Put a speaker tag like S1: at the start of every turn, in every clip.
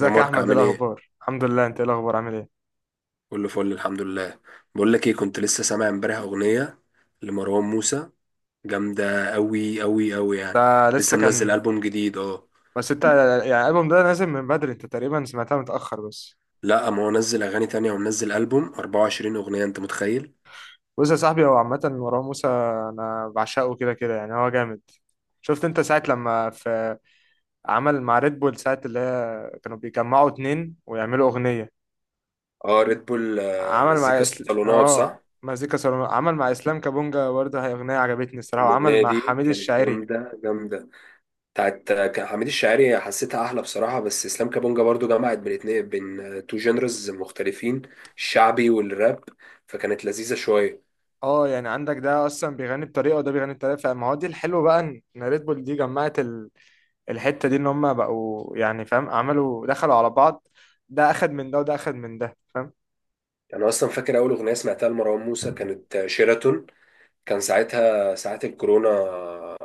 S1: يا
S2: يا
S1: مارك
S2: احمد؟ ايه
S1: عامل ايه؟
S2: الاخبار؟ الحمد لله، انت ايه الاخبار؟ عامل ايه؟
S1: كله فل الحمد لله. بقول لك ايه، كنت لسه سامع امبارح اغنية لمروان موسى جامدة قوي قوي قوي يعني.
S2: ده لسه
S1: لسه منزل
S2: كان.
S1: ألبوم جديد اه.
S2: بس انت، يعني الالبوم ده نازل من بدري، انت تقريبا سمعتها متاخر بس.
S1: لا، ما هو نزل اغاني تانية ومنزل ألبوم 24 اغنية، انت متخيل؟
S2: بص يا صاحبي، هو عامه مروان موسى انا بعشقه كده كده، يعني هو جامد. شفت انت ساعه لما في عمل مع ريد بول، ساعه اللي هي كانوا بيجمعوا اتنين ويعملوا اغنيه.
S1: اه ريد بول،
S2: عمل
S1: مزيكا
S2: مع اسل...
S1: الصالونات
S2: اه
S1: صح؟
S2: مزيكا سولو، عمل مع اسلام كابونجا برضه، هي اغنيه عجبتني الصراحه، وعمل
S1: الأغنية
S2: مع
S1: دي
S2: حميد
S1: كانت
S2: الشاعري.
S1: جامدة جامدة. بتاعت كان حميد الشاعري، حسيتها أحلى بصراحة، بس إسلام كابونجا برضو جمعت بين اتنين، بين تو جينرز مختلفين، الشعبي والراب، فكانت لذيذة شوية.
S2: اه يعني عندك ده اصلا بيغني بطريقه وده بيغني بطريقه، فما هو دي الحلو بقى إن ريد بول دي جمعت الحته دي، ان هم بقوا يعني فاهم، عملوا دخلوا على بعض، ده اخد من ده وده اخد من ده فاهم.
S1: يعني انا اصلا فاكر اول اغنيه سمعتها لمروان موسى كانت شيراتون، كان ساعتها ساعات الكورونا.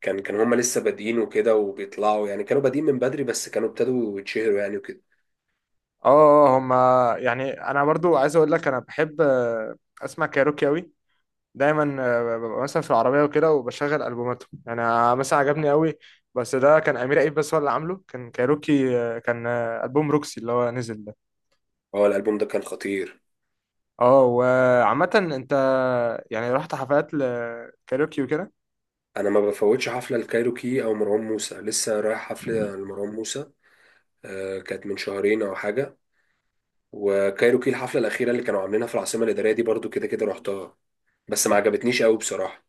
S1: كان هما لسه بادئين وكده وبيطلعوا، يعني كانوا بادئين من بدري بس كانوا ابتدوا يتشهروا يعني وكده.
S2: اه. آه، آه، هم يعني انا برضو عايز اقول لك انا بحب اسمع كايروكي اوي، دايما ببقى مثلا في العربيه وكده وبشغل البوماتهم، انا مثلا عجبني قوي، بس ده كان امير عيد بس هو اللي عامله، كان كايروكي كان البوم روكسي اللي هو نزل ده.
S1: هو الالبوم ده كان خطير.
S2: اه وعامة انت يعني رحت حفلات لكاريوكي وكده.
S1: انا ما بفوتش حفله الكايروكي او مروان موسى، لسه رايح حفله لمروان موسى كانت من شهرين او حاجه. وكايروكي الحفله الاخيره اللي كانوا عاملينها في العاصمه الاداريه دي برضو كده كده رحتها، بس ما عجبتنيش قوي بصراحه.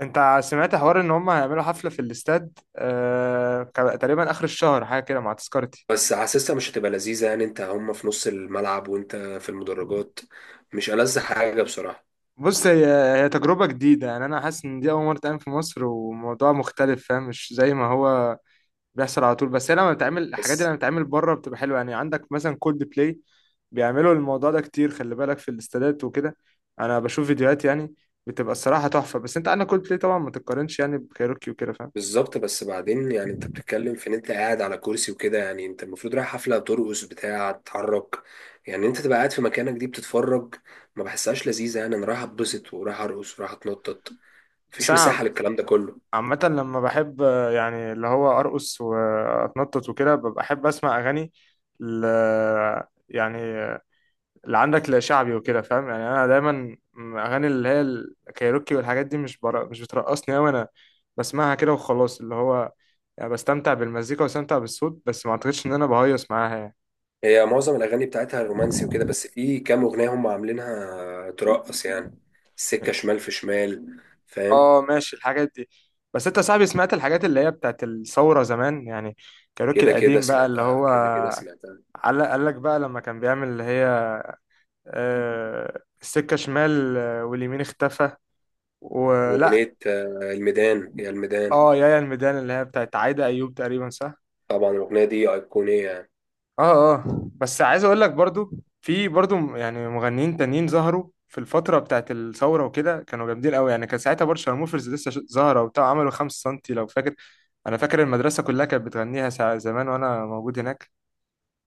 S2: انت سمعت حوار ان هم هيعملوا حفلة في الاستاد تقريبا اخر الشهر، حاجة كده مع تذكرتي؟
S1: بس حاسسها مش هتبقى لذيذة، يعني انت هم في نص الملعب وانت في المدرجات، مش ألذ حاجة بصراحة.
S2: بص. هي تجربة جديدة، يعني انا حاسس ان دي اول مرة تعمل في مصر، وموضوع مختلف فاهم، مش زي ما هو بيحصل على طول، بس هي لما بتعمل الحاجات دي،
S1: بس
S2: لما بتتعمل بره بتبقى حلوه، يعني عندك مثلا كولد بلاي بيعملوا الموضوع ده كتير، خلي بالك في الاستادات وكده، انا بشوف فيديوهات يعني بتبقى الصراحه تحفه، بس انت عندك كولد بلاي طبعا ما تتقارنش يعني بكايروكي وكده فاهم.
S1: بالظبط، بس بعدين يعني انت بتتكلم في ان انت قاعد على كرسي وكده، يعني انت المفروض رايح حفلة ترقص، بتاع تتحرك، يعني انت تبقى قاعد في مكانك دي بتتفرج. ما بحسهاش لذيذة، يعني انا رايح اتبسط ورايح ارقص ورايح اتنطط،
S2: بس
S1: مفيش
S2: انا
S1: مساحة للكلام ده كله.
S2: عامه لما بحب يعني اللي هو ارقص واتنطط وكده ببقى احب اسمع اغاني ل... يعني اللي عندك لا شعبي وكده فاهم، يعني انا دايما اغاني اللي هي الكايروكي والحاجات دي مش برا، مش بترقصني قوي انا، بسمعها كده وخلاص، اللي هو يعني بستمتع بالمزيكا وبستمتع بالصوت، بس ما اعتقدش ان انا بهيص معاها يعني.
S1: هي معظم الأغاني بتاعتها رومانسي وكده، بس في كام أغنية هم عاملينها ترقص يعني، السكة شمال، في شمال، فاهم.
S2: اه ماشي الحاجات دي. بس انت يا صاحبي سمعت الحاجات اللي هي بتاعت الثورة زمان يعني، كايروكي
S1: كده كده
S2: القديم بقى اللي
S1: سمعتها،
S2: هو
S1: كده كده سمعتها.
S2: قال لك بقى لما كان بيعمل اللي هي السكة شمال واليمين اختفى ولا؟
S1: وأغنية الميدان، هي الميدان.
S2: اه، يا الميدان اللي هي بتاعت عايدة ايوب تقريبا، صح؟
S1: طبعا الأغنية دي أيقونية يعني.
S2: اه اه. بس عايز اقول لك برضو، في برضو يعني مغنيين تانيين ظهروا في الفترة بتاعت الثورة وكده كانوا جامدين قوي، يعني كان ساعتها برضه شارموفرز لسه ظاهرة وبتاع، عملوا خمسة سنتي لو فاكر، انا فاكر المدرسة كلها كانت بتغنيها ساعة زمان وانا موجود هناك.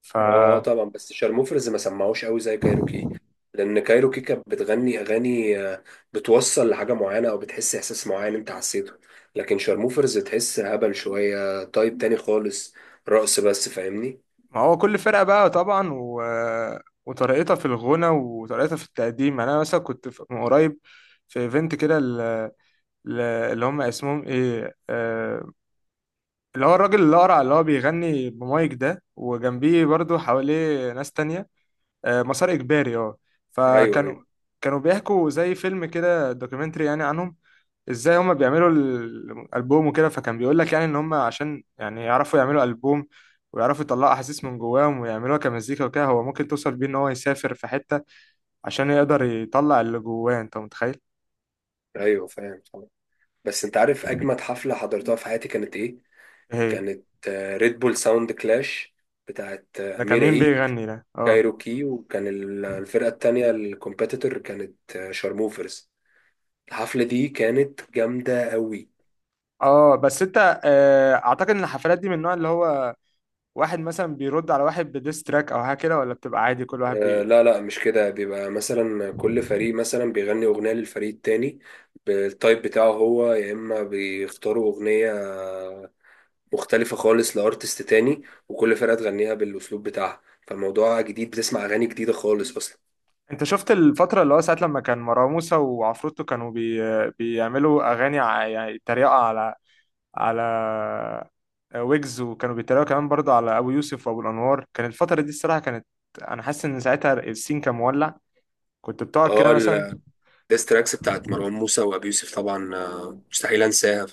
S2: ف
S1: اه طبعا، بس شارموفرز ما سمعوش قوي زي كايروكي، لأن كايروكي كانت بتغني أغاني بتوصل لحاجة معينة أو بتحس إحساس معين أنت حسيته، لكن شارموفرز تحس هبل شوية، تايب تاني خالص، رقص بس، فاهمني.
S2: ما هو كل فرقة بقى طبعا وطريقتها في الغنى وطريقتها في التقديم، يعني انا مثلا كنت من قريب في ايفنت كده اللي هم اسمهم ايه اللي هو الراجل الأقرع اللي هو بيغني بمايك ده وجنبيه برضو حواليه ناس تانية، مسار إجباري، اه.
S1: أيوه أيوه.
S2: فكانوا بيحكوا زي فيلم كده دوكيومنتري يعني عنهم، ازاي هما بيعملوا الألبوم وكده، فكان بيقول لك يعني ان هما عشان يعني يعرفوا يعملوا ألبوم ويعرفوا يطلعوا احاسيس من جواهم ويعملوها كمزيكا وكده، هو ممكن توصل بيه ان هو يسافر في حتة عشان يقدر يطلع اللي جواه، انت متخيل؟
S1: أيوه فاهم طبعا. بس أنت عارف أجمد حفلة حضرتها في حياتي كانت إيه؟
S2: إيه هي؟
S1: كانت ريد بول ساوند كلاش بتاعت
S2: ده كان
S1: أمير
S2: مين
S1: عيد،
S2: بيغني ده؟ اه.
S1: كايروكي، وكان الفرقة التانية الكومبيتيتور كانت شارموفرز. الحفلة دي كانت جامدة قوي.
S2: اه بس انت اعتقد ان الحفلات دي من النوع اللي هو واحد مثلا بيرد على واحد بديس تراك او حاجه كده، ولا بتبقى عادي كل واحد
S1: لا لا، مش كده، بيبقى مثلا كل فريق مثلا بيغني أغنية للفريق التاني بالتايب بتاعه هو، يا إما بيختاروا أغنية مختلفة خالص لأرتست تاني وكل فرقة تغنيها بالأسلوب بتاعها، فالموضوع جديد، بتسمع أغاني جديدة خالص أصلا.
S2: انت شفت الفتره اللي هو ساعه لما كان مروان موسى وعفروتو كانوا بيعملوا اغاني يعني تريقه على ويجز، وكانوا بيتريقوا كمان برضه على ابو يوسف وابو الانوار، كان الفتره دي الصراحه كانت، انا حاسس ان ساعتها السين كان مولع، كنت بتقعد كده
S1: اه
S2: مثلا.
S1: الديستراكس بتاعت مروان موسى وأبي يوسف طبعا مستحيل أنساها.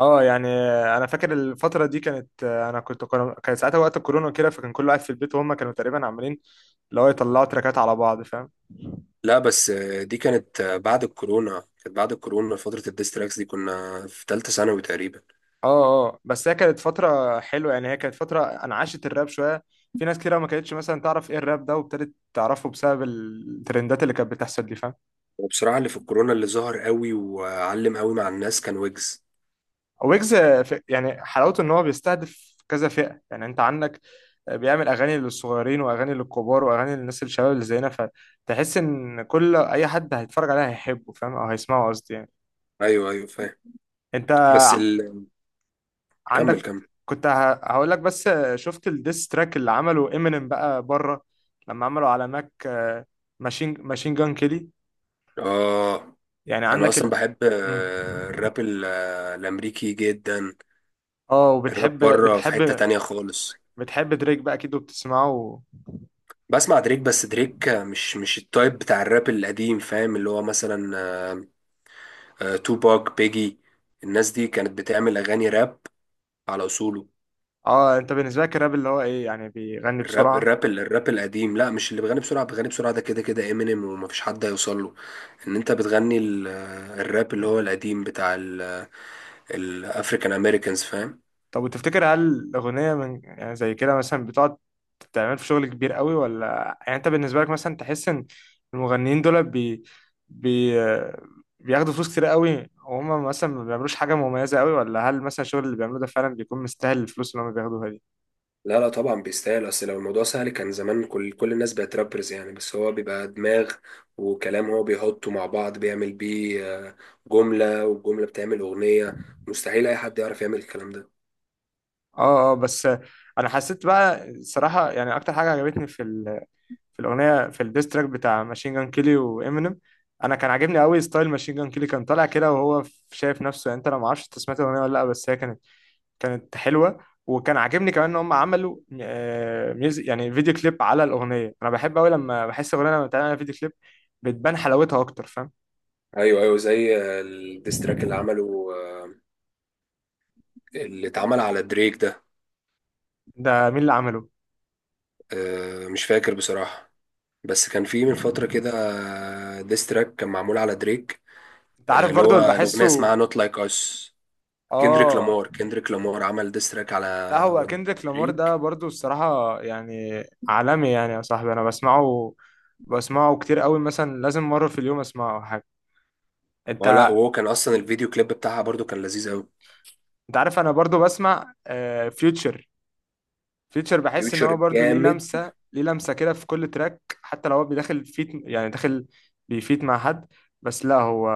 S2: اه يعني انا فاكر الفتره دي كانت انا كنت، كان ساعتها وقت الكورونا كده، فكان كل واحد في البيت وهم كانوا تقريبا عاملين اللي هو يطلعوا تراكات على بعض فاهم.
S1: لا بس دي كانت بعد الكورونا، كانت بعد الكورونا فترة الديستراكس دي، كنا في تالتة ثانوي تقريبا.
S2: اه اه بس هي كانت فترة حلوة، يعني هي كانت فترة انعاشت الراب شوية، في ناس كتير ما كانتش مثلا تعرف ايه الراب ده وابتدت تعرفه بسبب الترندات اللي كانت بتحصل دي فاهم.
S1: وبصراحة اللي في الكورونا اللي ظهر قوي وعلم قوي مع الناس كان ويجز.
S2: ويجز يعني حلاوته ان هو بيستهدف كذا فئة، يعني انت عندك بيعمل اغاني للصغيرين واغاني للكبار واغاني للناس الشباب اللي زينا، فتحس ان كل اي حد هيتفرج عليها هيحبه فاهم، او هيسمعه قصدي يعني.
S1: ايوه ايوه فاهم.
S2: انت
S1: بس ال... كمل
S2: عندك
S1: كمل.
S2: كنت هقول لك بس، شفت الديس تراك اللي عمله امينيم بقى بره لما عملوا على ماك ماشين جان كيلي؟
S1: اه
S2: يعني
S1: انا
S2: عندك
S1: اصلا
S2: ال
S1: بحب
S2: مم.
S1: الراب الامريكي جدا.
S2: اه
S1: الراب
S2: وبتحب
S1: بره في حتة
S2: بتحب
S1: تانية خالص.
S2: بتحب دريك بقى اكيد وبتسمعه؟
S1: بسمع دريك، بس دريك مش التايب بتاع الراب القديم فاهم، اللي هو مثلا توباك، بيجي، الناس دي كانت بتعمل اغاني راب على اصوله.
S2: اه، انت بالنسبه لك الراب اللي هو ايه، يعني بيغني
S1: الراب،
S2: بسرعه؟
S1: الراب القديم، لا مش اللي بيغني بسرعة. بيغني بسرعة ده كده كده امينيم، ومفيش حد هيوصل له. ان انت بتغني الراب اللي هو القديم بتاع الافريكان امريكانز فاهم.
S2: طب وتفتكر هل الأغنية من يعني زي كده مثلا بتقعد تعمل في شغل كبير قوي، ولا يعني أنت بالنسبة لك مثلا تحس إن المغنيين دول بي... بياخدوا فلوس كتير قوي وهم مثلا ما بيعملوش حاجة مميزة قوي، ولا هل مثلا الشغل اللي بيعملوه ده فعلا بيكون مستاهل الفلوس اللي هم بياخدوها دي؟
S1: لا لا طبعا بيستاهل، اصل لو الموضوع سهل كان زمان كل الناس بقت رابرز يعني، بس هو بيبقى دماغ وكلام هو بيحطه مع بعض، بيعمل بيه جملة، والجملة بتعمل أغنية، مستحيل أي حد يعرف يعمل الكلام ده.
S2: اه اه بس أنا حسيت بقى الصراحة، يعني أكتر حاجة عجبتني في في الأغنية، في الديستراك بتاع ماشين جان كيلي وإمينيم، انا كان عاجبني قوي ستايل ماشين جان كيلي، كان طالع كده وهو شايف نفسه، يعني انت انا ما اعرفش انت سمعت الاغنيه ولا لا، بس هي كانت حلوه، وكان عاجبني كمان ان هم عملوا ميوزك يعني فيديو كليب على الاغنيه، انا بحب قوي لما بحس اغنيه لما بتعمل عليها فيديو كليب بتبان حلاوتها اكتر فاهم.
S1: ايوه ايوه، زي الديستراك اللي عمله اللي اتعمل على دريك ده.
S2: ده مين اللي عمله؟
S1: مش فاكر بصراحة، بس كان في من فترة كده ديستراك كان معمول على دريك.
S2: انت عارف
S1: اللي
S2: برضو اللي
S1: هو الأغنية اسمها
S2: بحسه،
S1: نوت لايك أس. كندريك
S2: اه.
S1: لامار، عمل ديستراك
S2: لا هو
S1: على
S2: كندريك لامار ده
S1: دريك.
S2: برضو الصراحه يعني عالمي، يعني يا صاحبي انا بسمعه، بسمعه كتير قوي مثلا لازم مره في اليوم اسمعه أو حاجه.
S1: اه لا،
S2: انت
S1: وهو كان أصلا الفيديو كليب بتاعها برضو كان لذيذ أوي.
S2: انت عارف انا برضو بسمع فيوتشر، فيوتشر بحس ان هو
S1: فيوتشر
S2: برضو ليه
S1: جامد.
S2: لمسه ليه لمسه كده في كل تراك، حتى لو هو بيدخل فيت يعني داخل بيفيت مع حد، بس لا هو،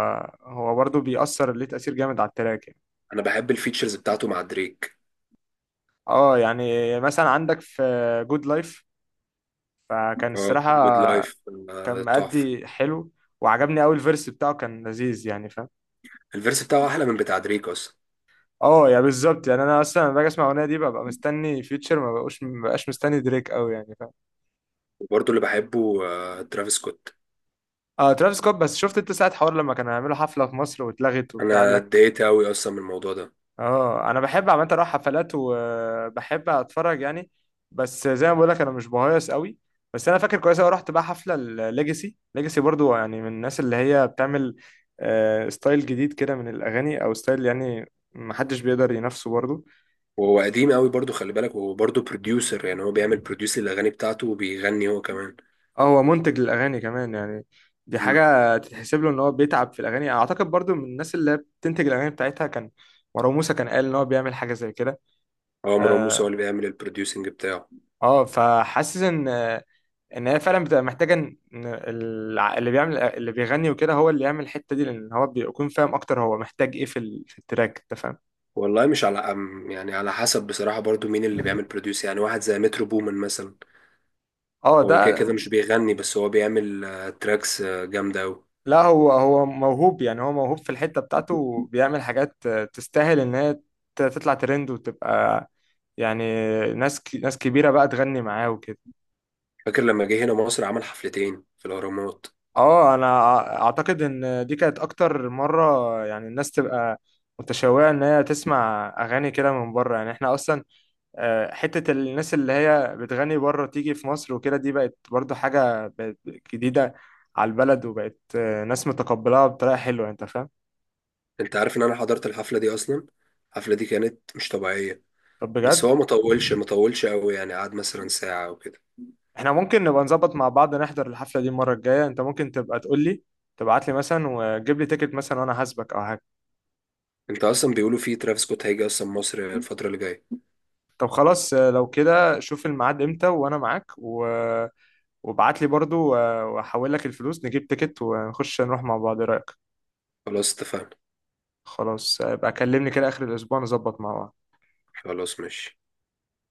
S2: هو برضو بيأثر ليه تأثير جامد على التراك يعني.
S1: أنا بحب الفيتشرز بتاعته مع دريك.
S2: اه يعني مثلا عندك في جود لايف، فكان
S1: اه
S2: الصراحه
S1: جود لايف،
S2: كان
S1: تحفة.
S2: مأدي حلو، وعجبني قوي الفيرس بتاعه كان لذيذ يعني فاهم.
S1: الفيرس بتاعه أحلى من بتاع دريك أصلا.
S2: اه يعني بالظبط، يعني انا اصلا لما باجي اسمع الاغنيه دي ببقى مستني فيوتشر، ما بقاش مستني دريك قوي يعني فاهم.
S1: وبرضو اللي بحبه ترافيس سكوت.
S2: اه ترافيس سكوت، بس شفت انت ساعه حوار لما كانوا هيعملوا حفله في مصر واتلغت وبتاع، قال
S1: أنا
S2: لك؟
S1: اتضايقت أوي أصلا من الموضوع ده.
S2: اه. انا بحب عامه اروح حفلات وبحب اتفرج يعني، بس زي ما بقول لك انا مش بهيص قوي، بس انا فاكر كويس قوي رحت بقى حفله الليجاسي، ليجاسي برضو يعني من الناس اللي هي بتعمل ستايل جديد كده من الاغاني، او ستايل يعني محدش بيقدر ينافسه برضو.
S1: وهو قديم قوي برضو، خلي بالك، وهو برضو بروديوسر، يعني هو بيعمل بروديوس للاغاني بتاعته وبيغني هو كمان.
S2: اه هو منتج للاغاني كمان يعني، دي
S1: امم.
S2: حاجه تتحسب له ان هو بيتعب في الاغاني، اعتقد برضو من الناس اللي هي بتنتج الاغاني بتاعتها، كان مروان موسى كان قال ان هو بيعمل حاجه زي كده.
S1: هو مروان موسى هو
S2: اه
S1: اللي بيعمل البروديوسنج بتاعه.
S2: فحاسس ان ان هي فعلا بتبقى محتاجه ان إن اللي بيعمل اللي بيغني وكده هو اللي يعمل الحته دي، لان هو بيكون فاهم اكتر هو محتاج ايه في في التراك انت فاهم.
S1: والله مش على أم، يعني على حسب بصراحة، برضو مين اللي بيعمل بروديوس، يعني واحد زي مترو بومن مثلا،
S2: اه
S1: هو
S2: ده.
S1: كده كده مش بيغني، بس هو بيعمل تراكس جامدة قوي.
S2: لا هو هو موهوب، يعني هو موهوب في الحته بتاعته وبيعمل حاجات تستاهل ان هي تطلع ترند وتبقى يعني ناس كبيره بقى تغني معاه وكده.
S1: فاكر لما جه هنا مصر عمل حفلتين في الأهرامات؟
S2: اه انا اعتقد ان دي كانت اكتر مره يعني الناس تبقى متشوقه ان هي تسمع اغاني كده من بره يعني، احنا اصلا حتة الناس اللي هي بتغني بره تيجي في مصر وكده دي بقت برضو حاجة، بقت جديدة على البلد، وبقت ناس متقبلها بطريقة حلوة انت فاهم.
S1: انت عارف ان انا حضرت الحفلة دي اصلا. الحفلة دي كانت مش طبيعية،
S2: طب
S1: بس
S2: بجد،
S1: هو ما طولش، ما طولش قوي يعني، قعد مثلا ساعة او كده.
S2: احنا ممكن نبقى نظبط مع بعض نحضر الحفلة دي المرة الجاية، انت ممكن تبقى تقول لي، تبعت لي مثلا وجيب لي تيكت مثلا وانا هسبك او حاجة.
S1: انت اصلا بيقولوا فيه ترافيس سكوت هيجي اصلا مصر الفترة اللي جاية.
S2: طب خلاص لو كده شوف الميعاد امتى وانا معاك وابعت لي برضو واحول لك الفلوس، نجيب تيكت ونخش نروح مع بعض، ايه رأيك؟
S1: خلاص اتفقنا.
S2: خلاص يبقى كلمني كده اخر الاسبوع نظبط مع بعض.
S1: خلاص ماشي.